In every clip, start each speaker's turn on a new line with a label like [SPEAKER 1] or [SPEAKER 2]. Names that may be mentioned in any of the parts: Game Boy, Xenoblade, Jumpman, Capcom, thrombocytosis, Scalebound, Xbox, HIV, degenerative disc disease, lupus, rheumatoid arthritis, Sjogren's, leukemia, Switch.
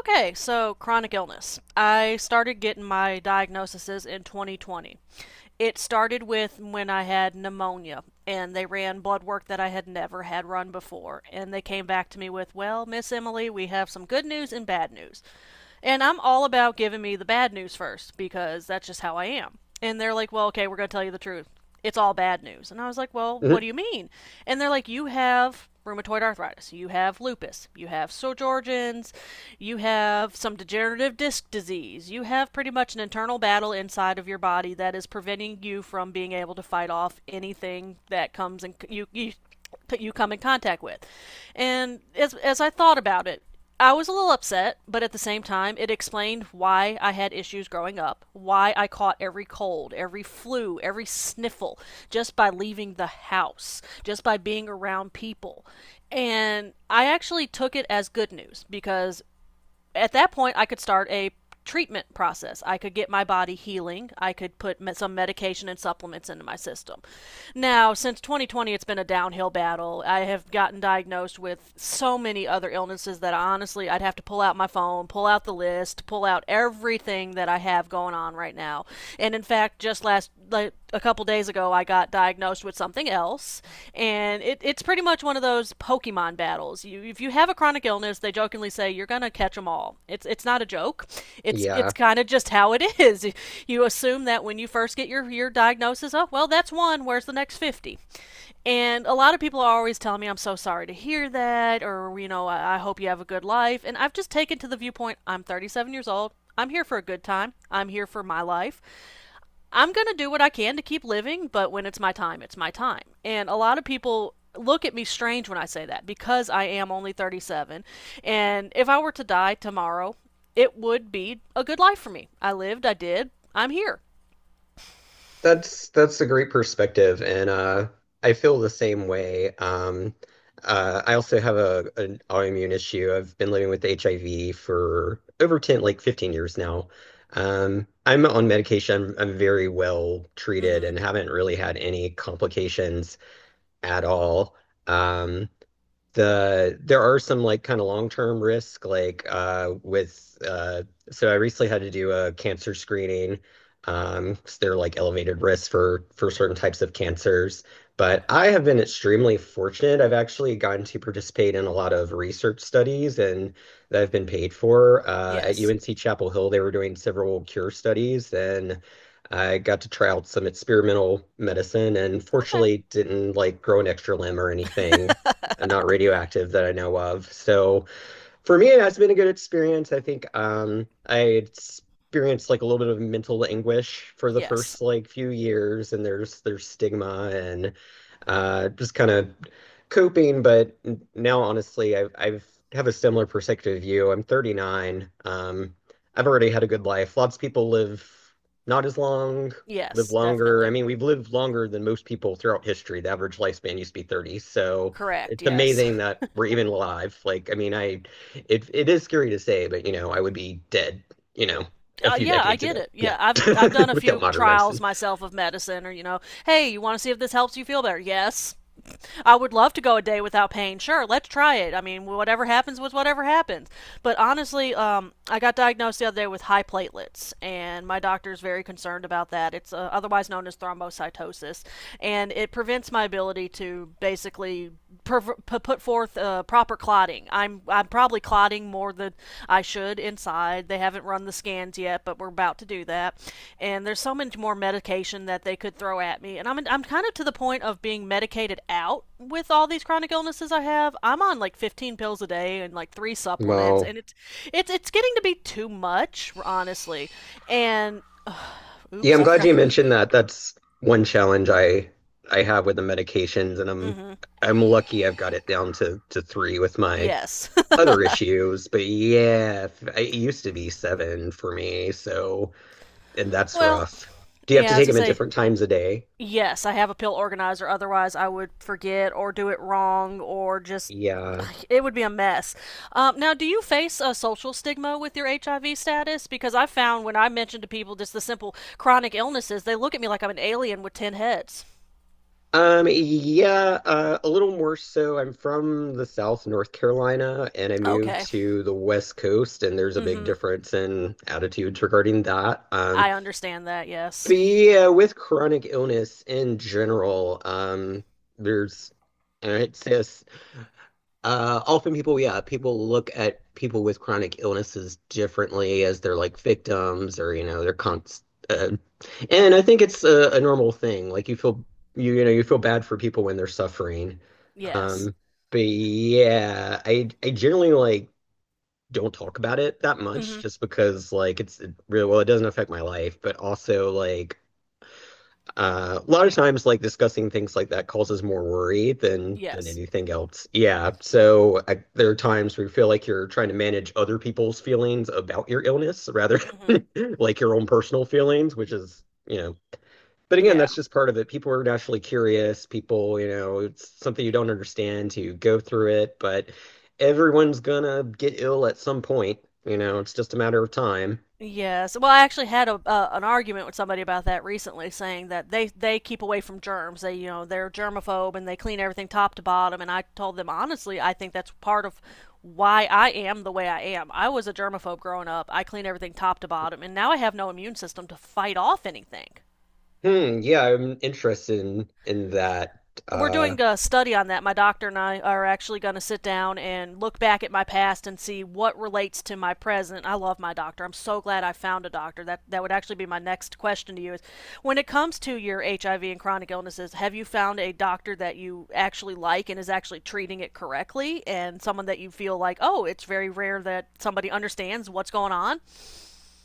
[SPEAKER 1] Okay, so chronic illness. I started getting my diagnoses in 2020. It started with when I had pneumonia, and they ran blood work that I had never had run before. And they came back to me with, Well, Miss Emily, we have some good news and bad news. And I'm all about giving me the bad news first because that's just how I am. And they're like, Well, okay, we're going to tell you the truth, it's all bad news. And I was like, well, what
[SPEAKER 2] Mhm.
[SPEAKER 1] do you mean? And they're like, you have rheumatoid arthritis, you have lupus, you have Sjogren's, you have some degenerative disc disease, you have pretty much an internal battle inside of your body that is preventing you from being able to fight off anything that comes and you that you come in contact with. And as I thought about it, I was a little upset, but at the same time, it explained why I had issues growing up, why I caught every cold, every flu, every sniffle just by leaving the house, just by being around people. And I actually took it as good news because at that point, I could start a treatment process. I could get my body healing. I could put some medication and supplements into my system. Now, since 2020, it's been a downhill battle. I have gotten diagnosed with so many other illnesses that honestly, I'd have to pull out my phone, pull out the list, pull out everything that I have going on right now. And in fact, just last like a couple days ago I got diagnosed with something else, and it's pretty much one of those Pokemon battles. If you have a chronic illness, they jokingly say you're gonna catch them all. It's not a joke. It's
[SPEAKER 2] Yeah,
[SPEAKER 1] it's kind of just how it is. You assume that when you first get your diagnosis, oh well, that's one. Where's the next 50? And a lot of people are always telling me, I'm so sorry to hear that, or, I hope you have a good life. And I've just taken to the viewpoint I'm 37 years old. I'm here for a good time. I'm here for my life. I'm going to do what I can to keep living, but when it's my time, it's my time. And a lot of people look at me strange when I say that because I am only 37. And if I were to die tomorrow, it would be a good life for me. I lived, I did, I'm here.
[SPEAKER 2] that's a great perspective, and I feel the same way. I also have a an autoimmune issue. I've been living with HIV for over 10, like 15 years now. I'm on medication. I'm very well
[SPEAKER 1] Mm
[SPEAKER 2] treated
[SPEAKER 1] hmm.
[SPEAKER 2] and haven't really had any complications at all. Um, there are some like kind of long-term risk, like with so I recently had to do a cancer screening, 'cause there are like elevated risks for certain types of cancers, but I have been extremely fortunate. I've actually gotten to participate in a lot of research studies and that I've been paid for at
[SPEAKER 1] Yes.
[SPEAKER 2] UNC Chapel Hill. They were doing several cure studies, and I got to try out some experimental medicine and
[SPEAKER 1] Okay.
[SPEAKER 2] fortunately didn't like grow an extra limb or anything, not radioactive that I know of. So for me, it has been a good experience. I think I experienced like a little bit of mental anguish for the
[SPEAKER 1] Yes.
[SPEAKER 2] first like few years, and there's stigma and just kind of coping. But now, honestly, I've have a similar perspective view. I'm 39. I've already had a good life. Lots of people live not as long, live
[SPEAKER 1] Yes,
[SPEAKER 2] longer. I
[SPEAKER 1] definitely.
[SPEAKER 2] mean, we've lived longer than most people throughout history. The average lifespan used to be 30. So
[SPEAKER 1] Correct.
[SPEAKER 2] it's
[SPEAKER 1] Yes.
[SPEAKER 2] amazing that we're even alive. Like, I mean, I it is scary to say, but you know, I would be dead, you know, a few
[SPEAKER 1] Yeah, I
[SPEAKER 2] decades ago.
[SPEAKER 1] get it.
[SPEAKER 2] Yeah.
[SPEAKER 1] Yeah, I've done a
[SPEAKER 2] Without
[SPEAKER 1] few
[SPEAKER 2] modern
[SPEAKER 1] trials
[SPEAKER 2] medicine.
[SPEAKER 1] myself of medicine, or hey, you want to see if this helps you feel better? Yes. I would love to go a day without pain. Sure, let's try it. I mean, whatever happens was whatever happens. But honestly, I got diagnosed the other day with high platelets, and my doctor is very concerned about that. It's otherwise known as thrombocytosis, and it prevents my ability to basically put forth proper clotting. I'm probably clotting more than I should inside. They haven't run the scans yet, but we're about to do that. And there's so much more medication that they could throw at me. And I'm kind of to the point of being medicated out with all these chronic illnesses I have. I'm on like 15 pills a day and like three supplements,
[SPEAKER 2] Well,
[SPEAKER 1] and it's getting to be too much, honestly. And
[SPEAKER 2] yeah,
[SPEAKER 1] oops,
[SPEAKER 2] I'm
[SPEAKER 1] I
[SPEAKER 2] glad
[SPEAKER 1] forgot.
[SPEAKER 2] you mentioned that. That's one challenge I have with the medications, and I'm
[SPEAKER 1] Mm-hmm.
[SPEAKER 2] I'm lucky I've got it down to three with my
[SPEAKER 1] Yes.
[SPEAKER 2] other issues. But yeah, it used to be seven for me, so, and that's
[SPEAKER 1] Well,
[SPEAKER 2] rough. Do you have
[SPEAKER 1] yeah,
[SPEAKER 2] to
[SPEAKER 1] I was
[SPEAKER 2] take
[SPEAKER 1] gonna
[SPEAKER 2] them at
[SPEAKER 1] say,
[SPEAKER 2] different times a day?
[SPEAKER 1] yes, I have a pill organizer. Otherwise, I would forget or do it wrong or just.
[SPEAKER 2] Yeah.
[SPEAKER 1] It would be a mess. Now, do you face a social stigma with your HIV status? Because I found when I mention to people just the simple chronic illnesses, they look at me like I'm an alien with 10 heads.
[SPEAKER 2] Yeah, a little more so. I'm from the South, North Carolina, and I
[SPEAKER 1] Okay.
[SPEAKER 2] moved to the West Coast, and there's a
[SPEAKER 1] Mm
[SPEAKER 2] big
[SPEAKER 1] hmm.
[SPEAKER 2] difference in attitudes regarding that.
[SPEAKER 1] I understand that.
[SPEAKER 2] But
[SPEAKER 1] Yes.
[SPEAKER 2] yeah, with chronic illness in general, there's, and I'd say a often people, yeah, people look at people with chronic illnesses differently, as they're like victims or, you know, they're const and I think it's a normal thing. Like you know, you feel bad for people when they're suffering.
[SPEAKER 1] Yes.
[SPEAKER 2] Um, but yeah, I generally, like, don't talk about it that
[SPEAKER 1] Mm
[SPEAKER 2] much,
[SPEAKER 1] hmm.
[SPEAKER 2] just because, like, it really, well, it doesn't affect my life, but also like a lot of times, like, discussing things like that causes more worry than
[SPEAKER 1] Yes.
[SPEAKER 2] anything else. Yeah. So I, there are times where you feel like you're trying to manage other people's feelings about your illness rather
[SPEAKER 1] Mm hmm.
[SPEAKER 2] than like your own personal feelings, which is, you know, but again,
[SPEAKER 1] Yeah.
[SPEAKER 2] that's just part of it. People are naturally curious. People, you know, it's something you don't understand. You go through it, but everyone's gonna get ill at some point. You know, it's just a matter of time.
[SPEAKER 1] Yes. Well, I actually had a an argument with somebody about that recently, saying that they keep away from germs. They're germaphobe and they clean everything top to bottom. And I told them honestly, I think that's part of why I am the way I am. I was a germaphobe growing up. I clean everything top to bottom, and now I have no immune system to fight off anything.
[SPEAKER 2] Hmm. Yeah, I'm interested in that.
[SPEAKER 1] We're
[SPEAKER 2] Uh,
[SPEAKER 1] doing a study on that. My doctor and I are actually going to sit down and look back at my past and see what relates to my present. I love my doctor. I'm so glad I found a doctor. That would actually be my next question to you is, when it comes to your HIV and chronic illnesses, have you found a doctor that you actually like and is actually treating it correctly and someone that you feel like, "Oh, it's very rare that somebody understands what's going on?"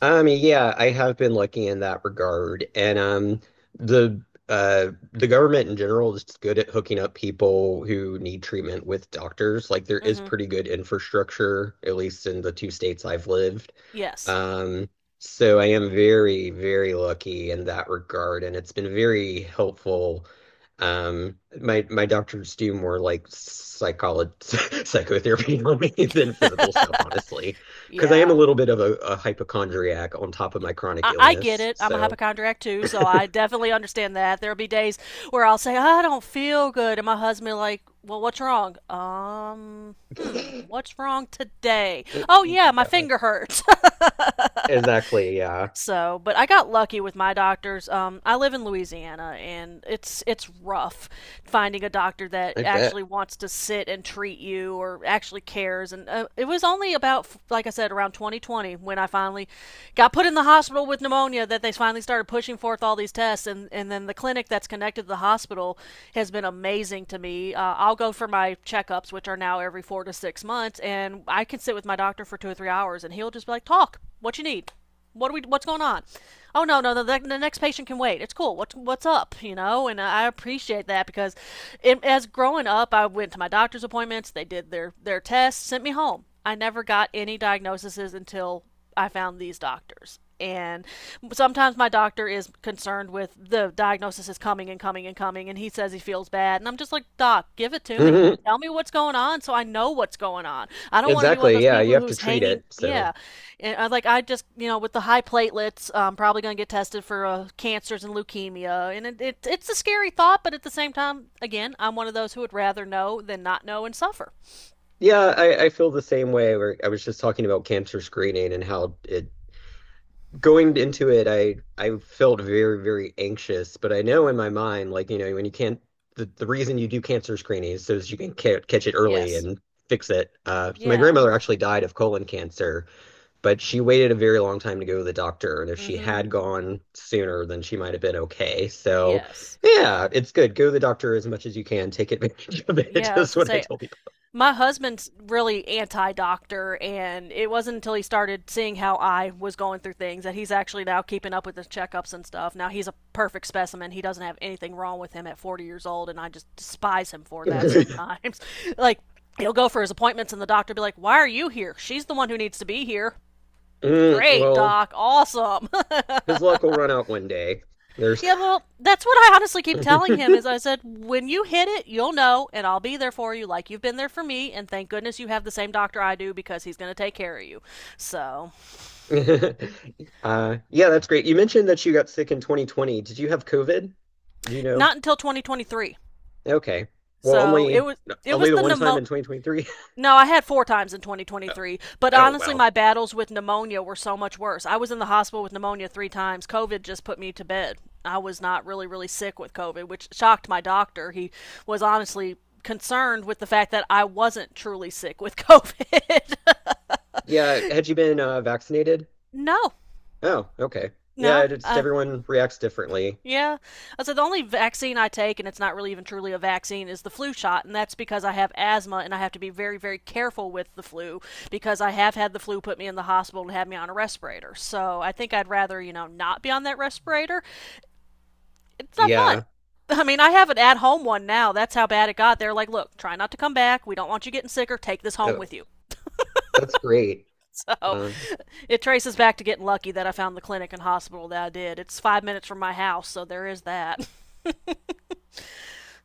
[SPEAKER 2] Yeah, I have been lucky in that regard. And the the government in general is good at hooking up people who need treatment with doctors. Like, there is
[SPEAKER 1] Mhm.
[SPEAKER 2] pretty good infrastructure, at least in the two states I've lived.
[SPEAKER 1] Yes.
[SPEAKER 2] Um, so I am very, very lucky in that regard, and it's been very helpful. My doctors do more like psycholo psychotherapy on me than physical stuff, honestly, because I am a
[SPEAKER 1] Yeah.
[SPEAKER 2] little bit of a hypochondriac on top of my chronic
[SPEAKER 1] I get
[SPEAKER 2] illness.
[SPEAKER 1] it. I'm a
[SPEAKER 2] So,
[SPEAKER 1] hypochondriac too, so I definitely understand that. There'll be days where I'll say, I don't feel good. And my husband, like, well, what's wrong? What's wrong today? Oh, yeah, my
[SPEAKER 2] yeah,
[SPEAKER 1] finger hurts.
[SPEAKER 2] exactly. Yeah,
[SPEAKER 1] So, but I got lucky with my doctors. I live in Louisiana, and it's rough finding a doctor that
[SPEAKER 2] I bet.
[SPEAKER 1] actually wants to sit and treat you or actually cares. And it was only about, like I said, around 2020 when I finally got put in the hospital with pneumonia that they finally started pushing forth all these tests. And then the clinic that's connected to the hospital has been amazing to me. I'll go for my checkups, which are now every 4 to 6 months, and I can sit with my doctor for 2 or 3 hours, and he'll just be like, "Talk, what you need. What are we? What's going on? Oh no, no, the next patient can wait. It's cool. What's up?" You know, and I appreciate that because, as growing up, I went to my doctor's appointments. They did their tests, sent me home. I never got any diagnoses until I found these doctors. And sometimes my doctor is concerned with the diagnosis is coming and coming and coming, and he says he feels bad, and I'm just like, Doc, give it to me.
[SPEAKER 2] Mhm.
[SPEAKER 1] Tell me what's going on so I know what's going on. I don't want to be one of
[SPEAKER 2] Exactly.
[SPEAKER 1] those
[SPEAKER 2] Yeah, you
[SPEAKER 1] people
[SPEAKER 2] have to
[SPEAKER 1] who's
[SPEAKER 2] treat
[SPEAKER 1] hanging.
[SPEAKER 2] it. So,
[SPEAKER 1] Yeah. And I, like, I just, with the high platelets, I'm probably going to get tested for cancers and leukemia. And it's a scary thought, but at the same time, again, I'm one of those who would rather know than not know and suffer.
[SPEAKER 2] yeah, I feel the same way. Where I was just talking about cancer screening and how it, going into it, I felt very, very anxious, but I know in
[SPEAKER 1] Hmm.
[SPEAKER 2] my mind, like, you know, when you can't, the reason you do cancer screening is so that you can ca catch it early
[SPEAKER 1] Yes.
[SPEAKER 2] and fix it. So my
[SPEAKER 1] Yeah.
[SPEAKER 2] grandmother actually died of colon cancer, but she waited a very long time to go to the doctor, and if she
[SPEAKER 1] Hmm.
[SPEAKER 2] had gone sooner, then she might have been okay. So,
[SPEAKER 1] Yes.
[SPEAKER 2] yeah, it's good. Go to the doctor as much as you can. Take advantage of it,
[SPEAKER 1] Yeah.
[SPEAKER 2] is
[SPEAKER 1] As I
[SPEAKER 2] what I
[SPEAKER 1] say,
[SPEAKER 2] tell people.
[SPEAKER 1] my husband's really anti-doctor, and it wasn't until he started seeing how I was going through things that he's actually now keeping up with the checkups and stuff. Now he's a perfect specimen. He doesn't have anything wrong with him at 40 years old, and I just despise him for that sometimes. Like, he'll go for his appointments, and the doctor will be like, why are you here? She's the one who needs to be here.
[SPEAKER 2] Mm,
[SPEAKER 1] Great
[SPEAKER 2] well,
[SPEAKER 1] doc. Awesome.
[SPEAKER 2] his luck will run out one day. There's
[SPEAKER 1] Yeah, well, that's what I honestly keep telling him is I said, when you hit it, you'll know, and I'll be there for you like you've been there for me, and thank goodness you have the same doctor I do because he's going to take care of you. So,
[SPEAKER 2] Yeah, that's great. You mentioned that you got sick in 2020. Did you have COVID? Do you know?
[SPEAKER 1] not until 2023.
[SPEAKER 2] Okay. Well,
[SPEAKER 1] So, it was it
[SPEAKER 2] only
[SPEAKER 1] was
[SPEAKER 2] the
[SPEAKER 1] the
[SPEAKER 2] one time
[SPEAKER 1] pneumo-
[SPEAKER 2] in 2023.
[SPEAKER 1] No, I had four times in
[SPEAKER 2] Oh,
[SPEAKER 1] 2023, but
[SPEAKER 2] oh
[SPEAKER 1] honestly,
[SPEAKER 2] wow.
[SPEAKER 1] my battles with pneumonia were so much worse. I was in the hospital with pneumonia three times. COVID just put me to bed. I was not really, really sick with COVID, which shocked my doctor. He was honestly concerned with the fact that I wasn't truly sick with COVID.
[SPEAKER 2] Yeah, had you been vaccinated?
[SPEAKER 1] No,
[SPEAKER 2] Oh, okay. Yeah,
[SPEAKER 1] no.
[SPEAKER 2] it's everyone reacts differently.
[SPEAKER 1] Yeah. I said the only vaccine I take, and it's not really even truly a vaccine, is the flu shot, and that's because I have asthma and I have to be very, very careful with the flu because I have had the flu put me in the hospital and have me on a respirator. So I think I'd rather, not be on that respirator. It's not fun.
[SPEAKER 2] Yeah.
[SPEAKER 1] I mean, I have an at home one now. That's how bad it got. They're like, look, try not to come back. We don't want you getting sicker. Take this home
[SPEAKER 2] Oh,
[SPEAKER 1] with you.
[SPEAKER 2] that's great.
[SPEAKER 1] So
[SPEAKER 2] Uh,
[SPEAKER 1] it traces back to getting lucky that I found the clinic and hospital that I did. It's 5 minutes from my house, so there is that.